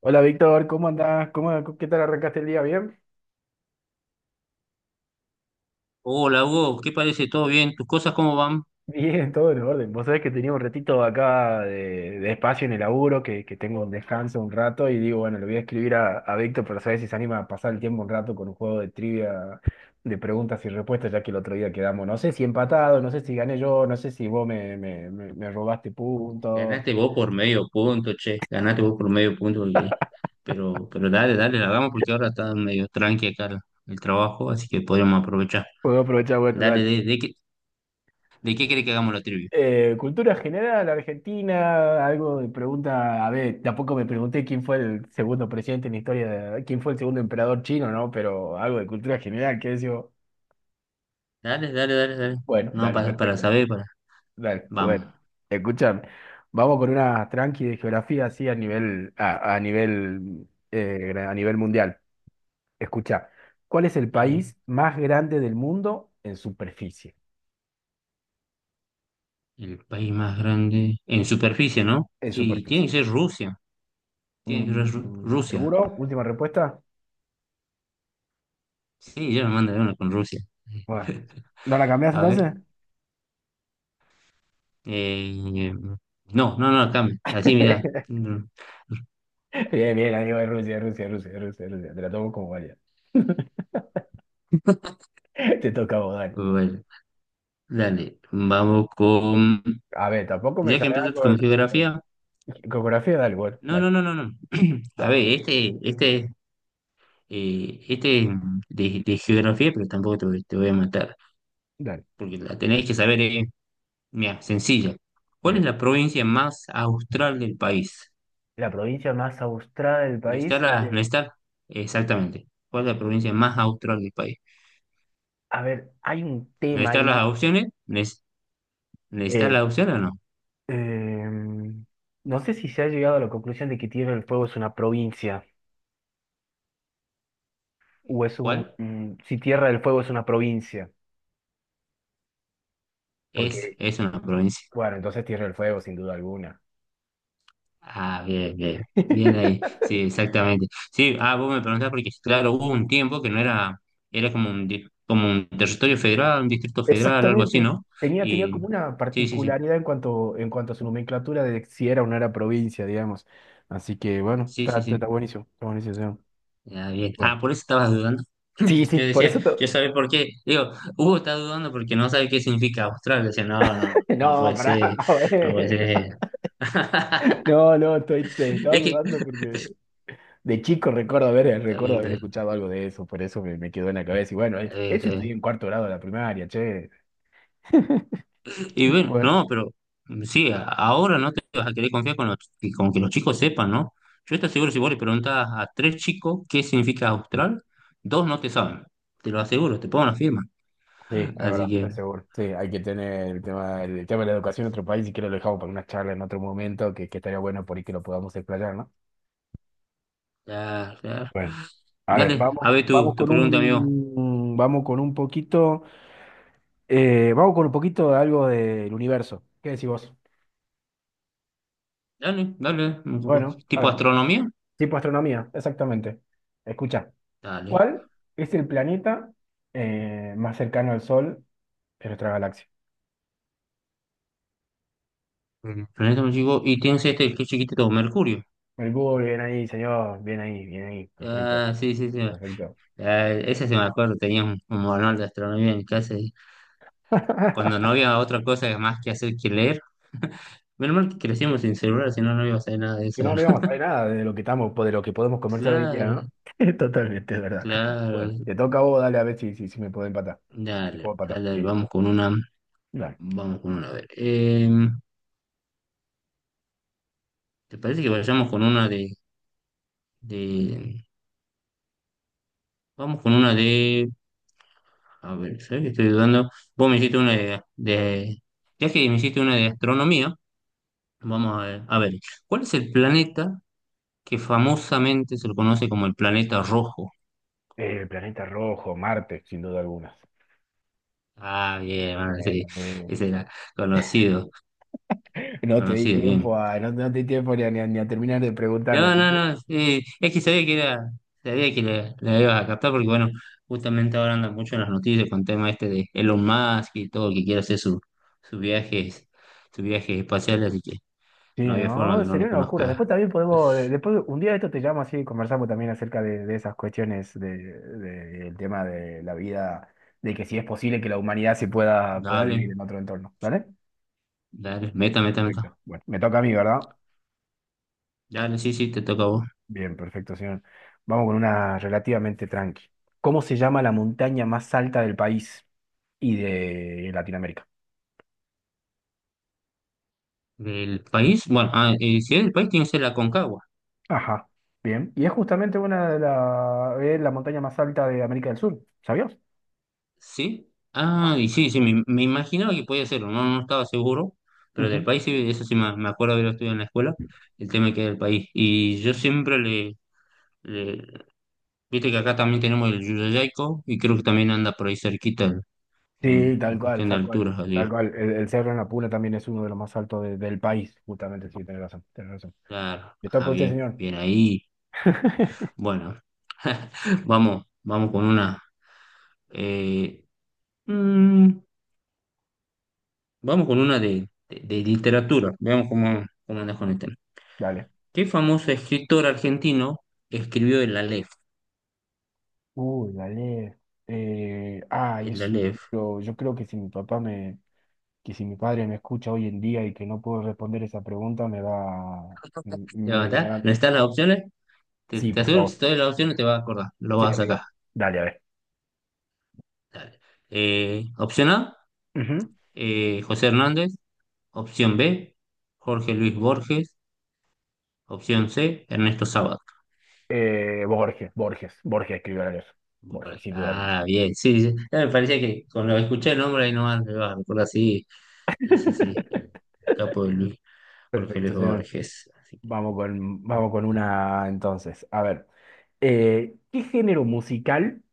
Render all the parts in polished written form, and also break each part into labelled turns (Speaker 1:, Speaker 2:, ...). Speaker 1: Hola Víctor, ¿cómo andás? ¿Cómo, qué tal arrancaste el día? ¿Bien?
Speaker 2: Hola Hugo, ¿qué parece? ¿Todo bien? ¿Tus cosas cómo van?
Speaker 1: Bien, todo en orden. Vos sabés que tenía un ratito acá de espacio en el laburo, que tengo un descanso un rato y digo, bueno, le voy a escribir a Víctor para saber si se anima a pasar el tiempo un rato con un juego de trivia de preguntas y respuestas, ya que el otro día quedamos, no sé si empatado, no sé si gané yo, no sé si vos me robaste puntos.
Speaker 2: Ganaste vos por medio punto, che. Ganaste vos por medio punto, oye. Pero dale, la hagamos porque ahora está medio tranqui acá el trabajo, así que podríamos aprovechar.
Speaker 1: Puedo aprovechar, bueno,
Speaker 2: Dale,
Speaker 1: dale.
Speaker 2: ¿de qué querés que hagamos la trivia?
Speaker 1: Cultura general, Argentina, algo de pregunta, a ver, tampoco me pregunté quién fue el segundo presidente en la historia de, quién fue el segundo emperador chino, ¿no? Pero algo de cultura general, que yo,
Speaker 2: Dale, dale, dale, dale.
Speaker 1: bueno,
Speaker 2: No,
Speaker 1: dale,
Speaker 2: para
Speaker 1: perfecto,
Speaker 2: saber, para.
Speaker 1: dale, bueno,
Speaker 2: Vamos.
Speaker 1: escúchame, vamos con una tranqui de geografía así a nivel, a nivel, a nivel mundial. Escucha, ¿cuál es el
Speaker 2: Dale.
Speaker 1: país más grande del mundo en superficie?
Speaker 2: El país más grande en superficie, ¿no?
Speaker 1: En
Speaker 2: Y tiene
Speaker 1: superficie.
Speaker 2: que ser Rusia. Tiene que ser
Speaker 1: Mm,
Speaker 2: Rusia.
Speaker 1: ¿seguro? Última respuesta.
Speaker 2: Sí, yo me mandaré una con Rusia.
Speaker 1: Bueno, ¿no la cambiás
Speaker 2: A
Speaker 1: entonces?
Speaker 2: ver. Eh, no, no, no, cambia. Así, mira. Mm,
Speaker 1: Bien, bien, amigo de Rusia, Rusia, Rusia, Rusia, Rusia. Te la tomo como vaya. Te toca a vos, dale.
Speaker 2: bueno, dale. Vamos con.
Speaker 1: A ver, tampoco me
Speaker 2: Ya que
Speaker 1: salga
Speaker 2: empezaste con geografía.
Speaker 1: con geografía, dale, bueno,
Speaker 2: No,
Speaker 1: dale,
Speaker 2: no, no, no, no. A
Speaker 1: dale,
Speaker 2: ver, este de geografía, pero tampoco te, voy te voy a matar.
Speaker 1: dale.
Speaker 2: Porque la tenéis que saber, eh. Mira, sencilla. ¿Cuál es
Speaker 1: Bien.
Speaker 2: la provincia más austral del país?
Speaker 1: La provincia más austrada del
Speaker 2: ¿No está
Speaker 1: país.
Speaker 2: no está? Exactamente. ¿Cuál es la provincia más austral del país?
Speaker 1: A ver, hay un
Speaker 2: ¿No
Speaker 1: tema
Speaker 2: están
Speaker 1: ahí.
Speaker 2: las opciones? ¿No está
Speaker 1: eh,
Speaker 2: la opción o no?
Speaker 1: em, no sé si se ha llegado a la conclusión de que Tierra del Fuego es una provincia o es un...
Speaker 2: ¿Cuál?
Speaker 1: mm, si Tierra del Fuego es una provincia.
Speaker 2: Es,
Speaker 1: Porque,
Speaker 2: es una provincia.
Speaker 1: Bueno, entonces Tierra del Fuego, sin duda alguna.
Speaker 2: Ah, bien, bien, bien ahí. Sí, exactamente. Sí, ah, vos me preguntás porque, claro, hubo un tiempo que no era, era como como un territorio federal, un distrito federal, algo así,
Speaker 1: Exactamente.
Speaker 2: ¿no?
Speaker 1: Tenía
Speaker 2: Y
Speaker 1: como una
Speaker 2: sí, sí, sí,
Speaker 1: particularidad en cuanto a su nomenclatura de si era o no era provincia, digamos. Así que bueno,
Speaker 2: sí, sí, sí.
Speaker 1: está buenísimo, está buenísimo, sí.
Speaker 2: Ah, bien.
Speaker 1: Bueno.
Speaker 2: Ah, por eso estabas dudando.
Speaker 1: Sí, sí,
Speaker 2: Yo
Speaker 1: por
Speaker 2: decía,
Speaker 1: eso te-
Speaker 2: yo sabía por qué. Digo, Hugo está dudando porque no sabe qué significa Australia. Decía, no, no, no
Speaker 1: No,
Speaker 2: puede
Speaker 1: pará,
Speaker 2: ser, no puede
Speaker 1: bueno.
Speaker 2: ser.
Speaker 1: No, no, te estaba
Speaker 2: Es que,
Speaker 1: dudando porque de chico
Speaker 2: está
Speaker 1: recuerdo haber
Speaker 2: bien,
Speaker 1: escuchado algo de eso, por eso me quedó en la cabeza. Y bueno,
Speaker 2: está bien,
Speaker 1: eso
Speaker 2: está
Speaker 1: estudié
Speaker 2: bien.
Speaker 1: en cuarto grado de la primaria, che.
Speaker 2: Y bueno,
Speaker 1: Bueno.
Speaker 2: no, pero sí, ahora no te vas a querer confiar con, con que los chicos sepan, ¿no? Yo estoy seguro, si vos le preguntás a tres chicos qué significa austral, dos no te saben. Te lo aseguro, te pongo una firma.
Speaker 1: Sí, es
Speaker 2: Así
Speaker 1: verdad, es
Speaker 2: que,
Speaker 1: seguro. Sí, hay que tener el tema de la educación en otro país, y que lo dejamos para una charla en otro momento, que estaría bueno por ahí que lo podamos explayar, ¿no?
Speaker 2: ya, ya.
Speaker 1: Bueno, a ver,
Speaker 2: Dale, a ver tu pregunta, amigo.
Speaker 1: Vamos con un poquito, vamos con un poquito de algo del universo. ¿Qué decís vos?
Speaker 2: Dale, dale. No.
Speaker 1: Bueno, a
Speaker 2: ¿Tipo
Speaker 1: ver,
Speaker 2: astronomía?
Speaker 1: tipo astronomía, exactamente. Escucha,
Speaker 2: Dale.
Speaker 1: ¿cuál es el planeta más cercano al Sol de nuestra galaxia?
Speaker 2: Ujú. Planeta muy chico. Y tienes este, qué chiquitito, Mercurio.
Speaker 1: Mercurio, bien ahí, señor, bien ahí, perfecto,
Speaker 2: Ah, sí, sí, sí.
Speaker 1: perfecto.
Speaker 2: Ah, ese se me acuerdo, tenía un manual de astronomía en casa. Cuando no había otra cosa más que hacer que leer. Menos mal que crecimos sin celular, si no, no iba a hacer nada de
Speaker 1: Si
Speaker 2: eso.
Speaker 1: no, no íbamos a saber nada de lo que estamos, de lo que podemos conversar hoy en día,
Speaker 2: Claro,
Speaker 1: ¿no? Totalmente, es verdad. Bueno,
Speaker 2: claro.
Speaker 1: te toca a vos, dale a ver si me puedo empatar. Si te puedo
Speaker 2: Dale,
Speaker 1: empatar.
Speaker 2: dale, dale,
Speaker 1: Sí.
Speaker 2: vamos con una.
Speaker 1: Dale.
Speaker 2: Vamos con una. A ver. ¿Te parece que vayamos con una de. Vamos con una de. A ver, ¿sabes que estoy dudando? Vos me hiciste una de- Ya que me hiciste una de astronomía, vamos a ver. A ver, ¿cuál es el planeta que famosamente se lo conoce como el planeta rojo?
Speaker 1: Planeta rojo, Marte, sin duda alguna.
Speaker 2: Ah, bien,
Speaker 1: Eh,
Speaker 2: bueno, sí,
Speaker 1: eh,
Speaker 2: ese era conocido,
Speaker 1: no te di
Speaker 2: conocido, bien.
Speaker 1: tiempo a, no, no te di tiempo ni a, ni a terminar de preguntarme.
Speaker 2: No, no,
Speaker 1: ¿Viste?
Speaker 2: no, sí, es que sabía que era, sabía que le ibas a captar porque, bueno, justamente ahora andan mucho en las noticias con el tema este de Elon Musk y todo, que quiere hacer su, sus viajes, sus viajes espaciales, así que
Speaker 1: Sí,
Speaker 2: no había forma
Speaker 1: no,
Speaker 2: que no
Speaker 1: sería
Speaker 2: lo
Speaker 1: una locura.
Speaker 2: conozca.
Speaker 1: Después también podemos, después un día de esto te llamo así y conversamos también acerca de esas cuestiones de, del tema de la vida, de que si es posible que la humanidad se pueda
Speaker 2: Dale,
Speaker 1: vivir en otro entorno. ¿Dale?
Speaker 2: dale, meta, meta, meta.
Speaker 1: Perfecto. Bueno, me toca a mí, ¿verdad?
Speaker 2: Dale, sí, sí, te toca a vos.
Speaker 1: Bien, perfecto, señor. Vamos con una relativamente tranqui. ¿Cómo se llama la montaña más alta del país y de Latinoamérica?
Speaker 2: ¿Del país? Bueno, ah, si es del país, tiene que ser la Concagua.
Speaker 1: Ajá, bien. Y es justamente una de la es la montaña más alta de América del Sur, ¿sabías?
Speaker 2: Sí. Ah,
Speaker 1: No.
Speaker 2: y sí, sí, me imaginaba que podía hacerlo, no, no estaba seguro, pero del
Speaker 1: Ujú.
Speaker 2: país, sí, eso sí me acuerdo haberlo estudiado en la escuela, el tema que era el país. Y yo siempre le- viste que acá también tenemos el Yuyayco, y creo que también anda por ahí cerquita
Speaker 1: Sí,
Speaker 2: en
Speaker 1: tal cual,
Speaker 2: cuestión de
Speaker 1: tal cual.
Speaker 2: alturas, así
Speaker 1: Tal
Speaker 2: que,
Speaker 1: cual. El Cerro en la Puna también es uno de los más altos del país, justamente, sí, tenés razón, tenés razón.
Speaker 2: claro,
Speaker 1: Le toca
Speaker 2: ah,
Speaker 1: a usted,
Speaker 2: bien,
Speaker 1: señor.
Speaker 2: bien ahí. Bueno, vamos, vamos con una, eh, mm, vamos con una de literatura, veamos cómo, cómo andas con este.
Speaker 1: Dale.
Speaker 2: ¿Qué famoso escritor argentino escribió el Aleph?
Speaker 1: Uy, dale. Ay,
Speaker 2: El
Speaker 1: es un
Speaker 2: Aleph.
Speaker 1: libro. Yo creo que si mi papá me, que si mi padre me escucha hoy en día y que no puedo responder esa pregunta,
Speaker 2: ¿Te va a
Speaker 1: me
Speaker 2: matar?
Speaker 1: va.
Speaker 2: ¿No están las opciones? Te,
Speaker 1: Sí,
Speaker 2: te
Speaker 1: por
Speaker 2: aseguro que si
Speaker 1: favor.
Speaker 2: te doy las opciones te vas a acordar. Lo
Speaker 1: Sí,
Speaker 2: vas a sacar.
Speaker 1: amigo. Dale, a ver.
Speaker 2: Dale. Opción A,
Speaker 1: Ujú.
Speaker 2: José Hernández. Opción B, Jorge Luis Borges. Opción C, Ernesto Sábato.
Speaker 1: Borges escribió la leer.
Speaker 2: Borges.
Speaker 1: Borges, sin duda alguna.
Speaker 2: Ah, bien. Sí, sí. Ya me parecía que cuando escuché el nombre ahí nomás me va a recordar. Sí, sí, sí. Sí. El capo de Luis, Jorge Luis
Speaker 1: Perfecto, señor.
Speaker 2: Borges. Así que.
Speaker 1: Vamos con una entonces. A ver, ¿qué género musical?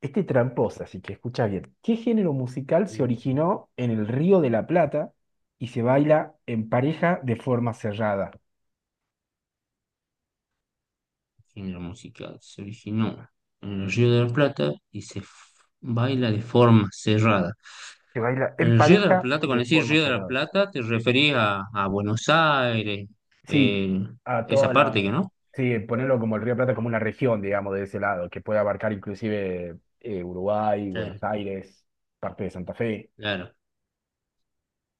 Speaker 1: Este es tramposa, así que escucha bien. ¿Qué género musical se
Speaker 2: Uh.
Speaker 1: originó en el Río de la Plata y se baila en pareja de forma cerrada?
Speaker 2: Género musical. Se originó en el Río de la Plata y se baila de forma cerrada.
Speaker 1: Se baila
Speaker 2: En
Speaker 1: en
Speaker 2: el Río de la
Speaker 1: pareja
Speaker 2: Plata,
Speaker 1: de
Speaker 2: cuando decís
Speaker 1: forma
Speaker 2: Río de la
Speaker 1: cerrada.
Speaker 2: Plata, te referís a Buenos Aires,
Speaker 1: Sí,
Speaker 2: eh,
Speaker 1: a
Speaker 2: esa
Speaker 1: toda la...
Speaker 2: parte que no.
Speaker 1: Sí, ponerlo como el Río de la Plata como una región, digamos, de ese lado, que puede abarcar inclusive Uruguay,
Speaker 2: Claro,
Speaker 1: Buenos Aires, parte de Santa Fe.
Speaker 2: claro.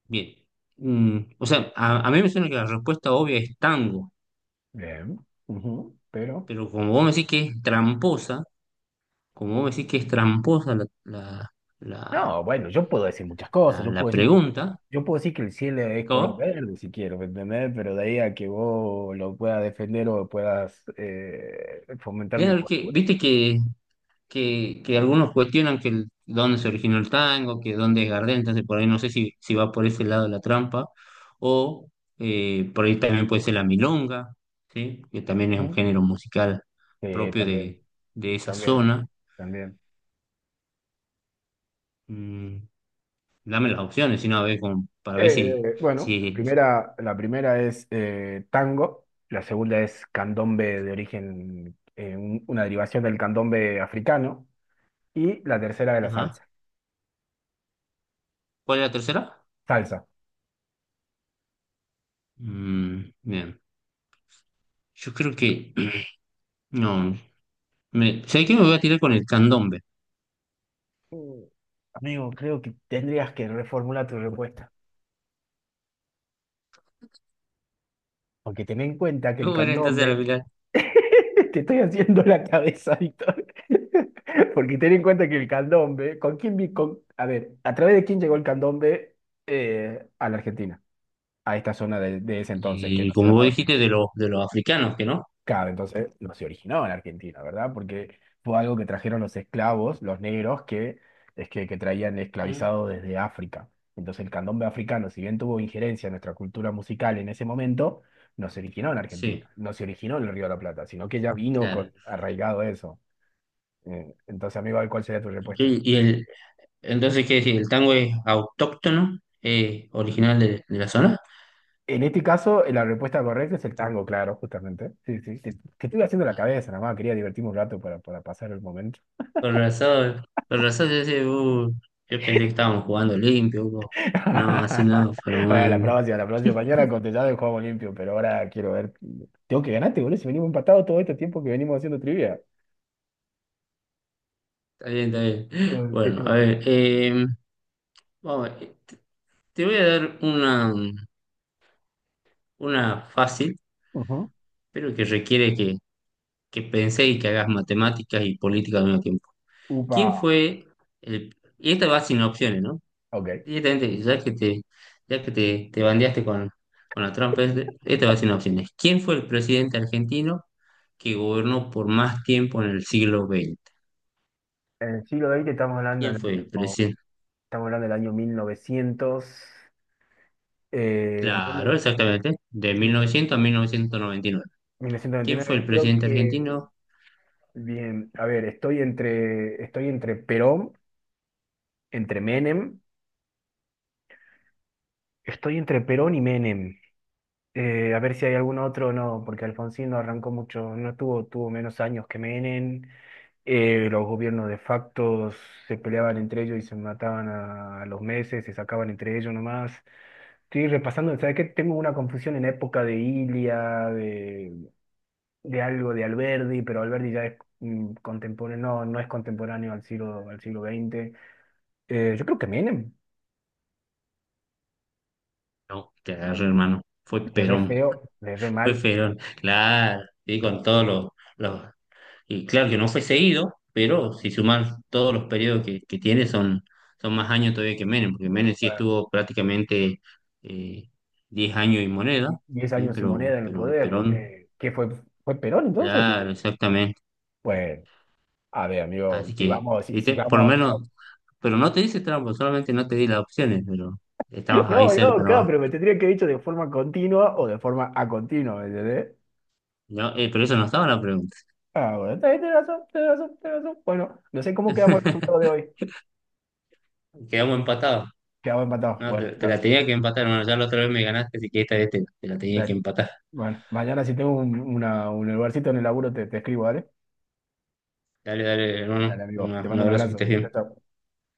Speaker 2: Bien. Mm, o sea, a mí me suena que la respuesta obvia es tango,
Speaker 1: Bien. Ujú. Pero...
Speaker 2: pero como vos me decís que es tramposa, como vos me decís que es tramposa la,
Speaker 1: No, bueno, yo puedo decir muchas cosas,
Speaker 2: la pregunta,
Speaker 1: yo puedo decir que el cielo es color
Speaker 2: ¿cómo?
Speaker 1: verde si quiero, ¿me entendés? Pero de ahí a que vos lo puedas defender o puedas fomentar mi
Speaker 2: Claro, que,
Speaker 1: postura.
Speaker 2: viste que que algunos cuestionan que dónde se originó el tango, que dónde es Gardel, entonces por ahí no sé si, si va por ese lado la trampa, o por ahí también puede ser la milonga, ¿sí? Que también es un
Speaker 1: ¿No?
Speaker 2: género musical
Speaker 1: Sí,
Speaker 2: propio
Speaker 1: también,
Speaker 2: de esa
Speaker 1: también,
Speaker 2: zona.
Speaker 1: también.
Speaker 2: Mm, dame las opciones, si no, a ver, como para ver si...
Speaker 1: Bueno,
Speaker 2: si...
Speaker 1: la primera es tango, la segunda es candombe de origen, una derivación del candombe africano, y la tercera de la
Speaker 2: Ajá.
Speaker 1: salsa.
Speaker 2: ¿Cuál es la tercera?
Speaker 1: Salsa.
Speaker 2: Mm, bien, yo creo que... No, me... ¿sabes qué? Me voy a tirar con el candombe.
Speaker 1: Mm. Amigo, creo que tendrías que reformular tu respuesta. Porque ten en cuenta que el
Speaker 2: ¿Cómo era entonces la
Speaker 1: candombe,
Speaker 2: final?
Speaker 1: te estoy haciendo la cabeza, Víctor, porque ten en cuenta que el candombe, ¿con quién, vi- con- a ver, ¿a través de quién llegó el candombe a la Argentina, a esta zona de ese entonces que
Speaker 2: Y
Speaker 1: no se
Speaker 2: como vos
Speaker 1: llamaba
Speaker 2: dijiste,
Speaker 1: Argentina?
Speaker 2: de de los africanos, que ¿no?
Speaker 1: Claro, entonces no se originó en Argentina, ¿verdad? Porque fue algo que trajeron los esclavos, los negros, que traían
Speaker 2: Mm.
Speaker 1: esclavizados desde África. Entonces el candombe africano, si bien tuvo injerencia en nuestra cultura musical en ese momento, no se originó en
Speaker 2: Sí,
Speaker 1: Argentina, no se originó en el Río de la Plata, sino que ya vino
Speaker 2: claro.
Speaker 1: con arraigado eso. Entonces, amigo, ¿cuál sería tu respuesta?
Speaker 2: ¿Y, y el, entonces, ¿qué decir? ¿El tango es autóctono, original de la zona?
Speaker 1: En este caso, la respuesta correcta es el tango, claro, justamente. Sí, sí, te estuve haciendo la cabeza, nada más, quería divertirme un rato para pasar el momento.
Speaker 2: Con razón, yo, decía, yo pensé que estábamos jugando limpio, Hugo". No, así no, pero
Speaker 1: Bueno,
Speaker 2: bueno,
Speaker 1: la próxima. Mañana contestado y jugamos limpio, pero ahora quiero ver. Tengo que ganarte, boludo. Si venimos empatados todo este tiempo que venimos haciendo trivia.
Speaker 2: está bien, está bien.
Speaker 1: Mm. Te
Speaker 2: Bueno, a
Speaker 1: toca.
Speaker 2: ver, vamos, te voy a dar una fácil,
Speaker 1: Ujú.
Speaker 2: pero que requiere que penséis y que hagas matemáticas y política al mismo tiempo. ¿Quién
Speaker 1: Upa.
Speaker 2: fue el... Y esta va sin opciones, ¿no?
Speaker 1: Ok.
Speaker 2: Directamente, ya que te bandeaste con la trampa, esta va sin opciones. ¿Quién fue el presidente argentino que gobernó por más tiempo en el siglo XX?
Speaker 1: En el siglo XX estamos hablando
Speaker 2: ¿Quién
Speaker 1: del
Speaker 2: fue
Speaker 1: año,
Speaker 2: el
Speaker 1: estamos
Speaker 2: presidente?
Speaker 1: hablando del año 1900, eh,
Speaker 2: Claro, exactamente, de
Speaker 1: sí,
Speaker 2: 1900 a 1999. ¿Quién fue el
Speaker 1: 1929, creo
Speaker 2: presidente
Speaker 1: que,
Speaker 2: argentino?
Speaker 1: bien, a ver, estoy entre Perón, entre Menem, estoy entre Perón y Menem. A ver si hay algún otro, no, porque Alfonsín no arrancó mucho, no tuvo, tuvo menos años que Menem, los gobiernos de facto se peleaban entre ellos y se mataban a los meses, se sacaban entre ellos nomás. Estoy repasando, ¿sabes qué? Tengo una confusión en época de Ilia, de algo de Alberdi, pero Alberdi ya es mm, contemporáneo, no, no es contemporáneo al siglo XX. Yo creo que Menem,
Speaker 2: No, te agarré, hermano. Fue
Speaker 1: le re
Speaker 2: Perón.
Speaker 1: feo, le re
Speaker 2: Fue
Speaker 1: mal.
Speaker 2: Perón, claro. Y con todos los, y claro que no fue seguido, pero si sumas todos los periodos que tiene, son, son más años todavía que Menem, porque Menem sí
Speaker 1: eh,
Speaker 2: estuvo prácticamente eh, 10 años y moneda,
Speaker 1: 10
Speaker 2: ¿sí?
Speaker 1: años sin moneda
Speaker 2: Pero,
Speaker 1: en el
Speaker 2: pero
Speaker 1: poder.
Speaker 2: Perón,
Speaker 1: ¿Qué fue? ¿Fue Perón entonces? Pues
Speaker 2: claro, exactamente.
Speaker 1: a ver, amigo,
Speaker 2: Así que, ¿viste? Por lo
Speaker 1: si vamos-
Speaker 2: menos, pero no te dice trampa, solamente no te di las opciones, pero estabas ahí
Speaker 1: No, no,
Speaker 2: cerca
Speaker 1: claro,
Speaker 2: nomás.
Speaker 1: pero me tendría que haber dicho de forma continua o de forma a continua, ¿me entendés?
Speaker 2: No, pero eso no estaba la pregunta.
Speaker 1: Ah, bueno, está bien, tenés razón, tenés razón, tenés razón. Bueno, no sé cómo quedamos el resultado de hoy.
Speaker 2: Quedamos empatados.
Speaker 1: Quedamos empatados.
Speaker 2: No,
Speaker 1: Bueno,
Speaker 2: te la tenía que empatar. Bueno, ya la otra vez me ganaste, así que esta vez te la tenía que
Speaker 1: la-
Speaker 2: empatar.
Speaker 1: bueno, mañana si tengo un, un lugarcito en el laburo te escribo, ¿vale?
Speaker 2: Dale, dale,
Speaker 1: Dale,
Speaker 2: hermano.
Speaker 1: amigo, te
Speaker 2: Un
Speaker 1: mando un
Speaker 2: abrazo, que
Speaker 1: abrazo.
Speaker 2: estés
Speaker 1: Chao,
Speaker 2: bien.
Speaker 1: chao.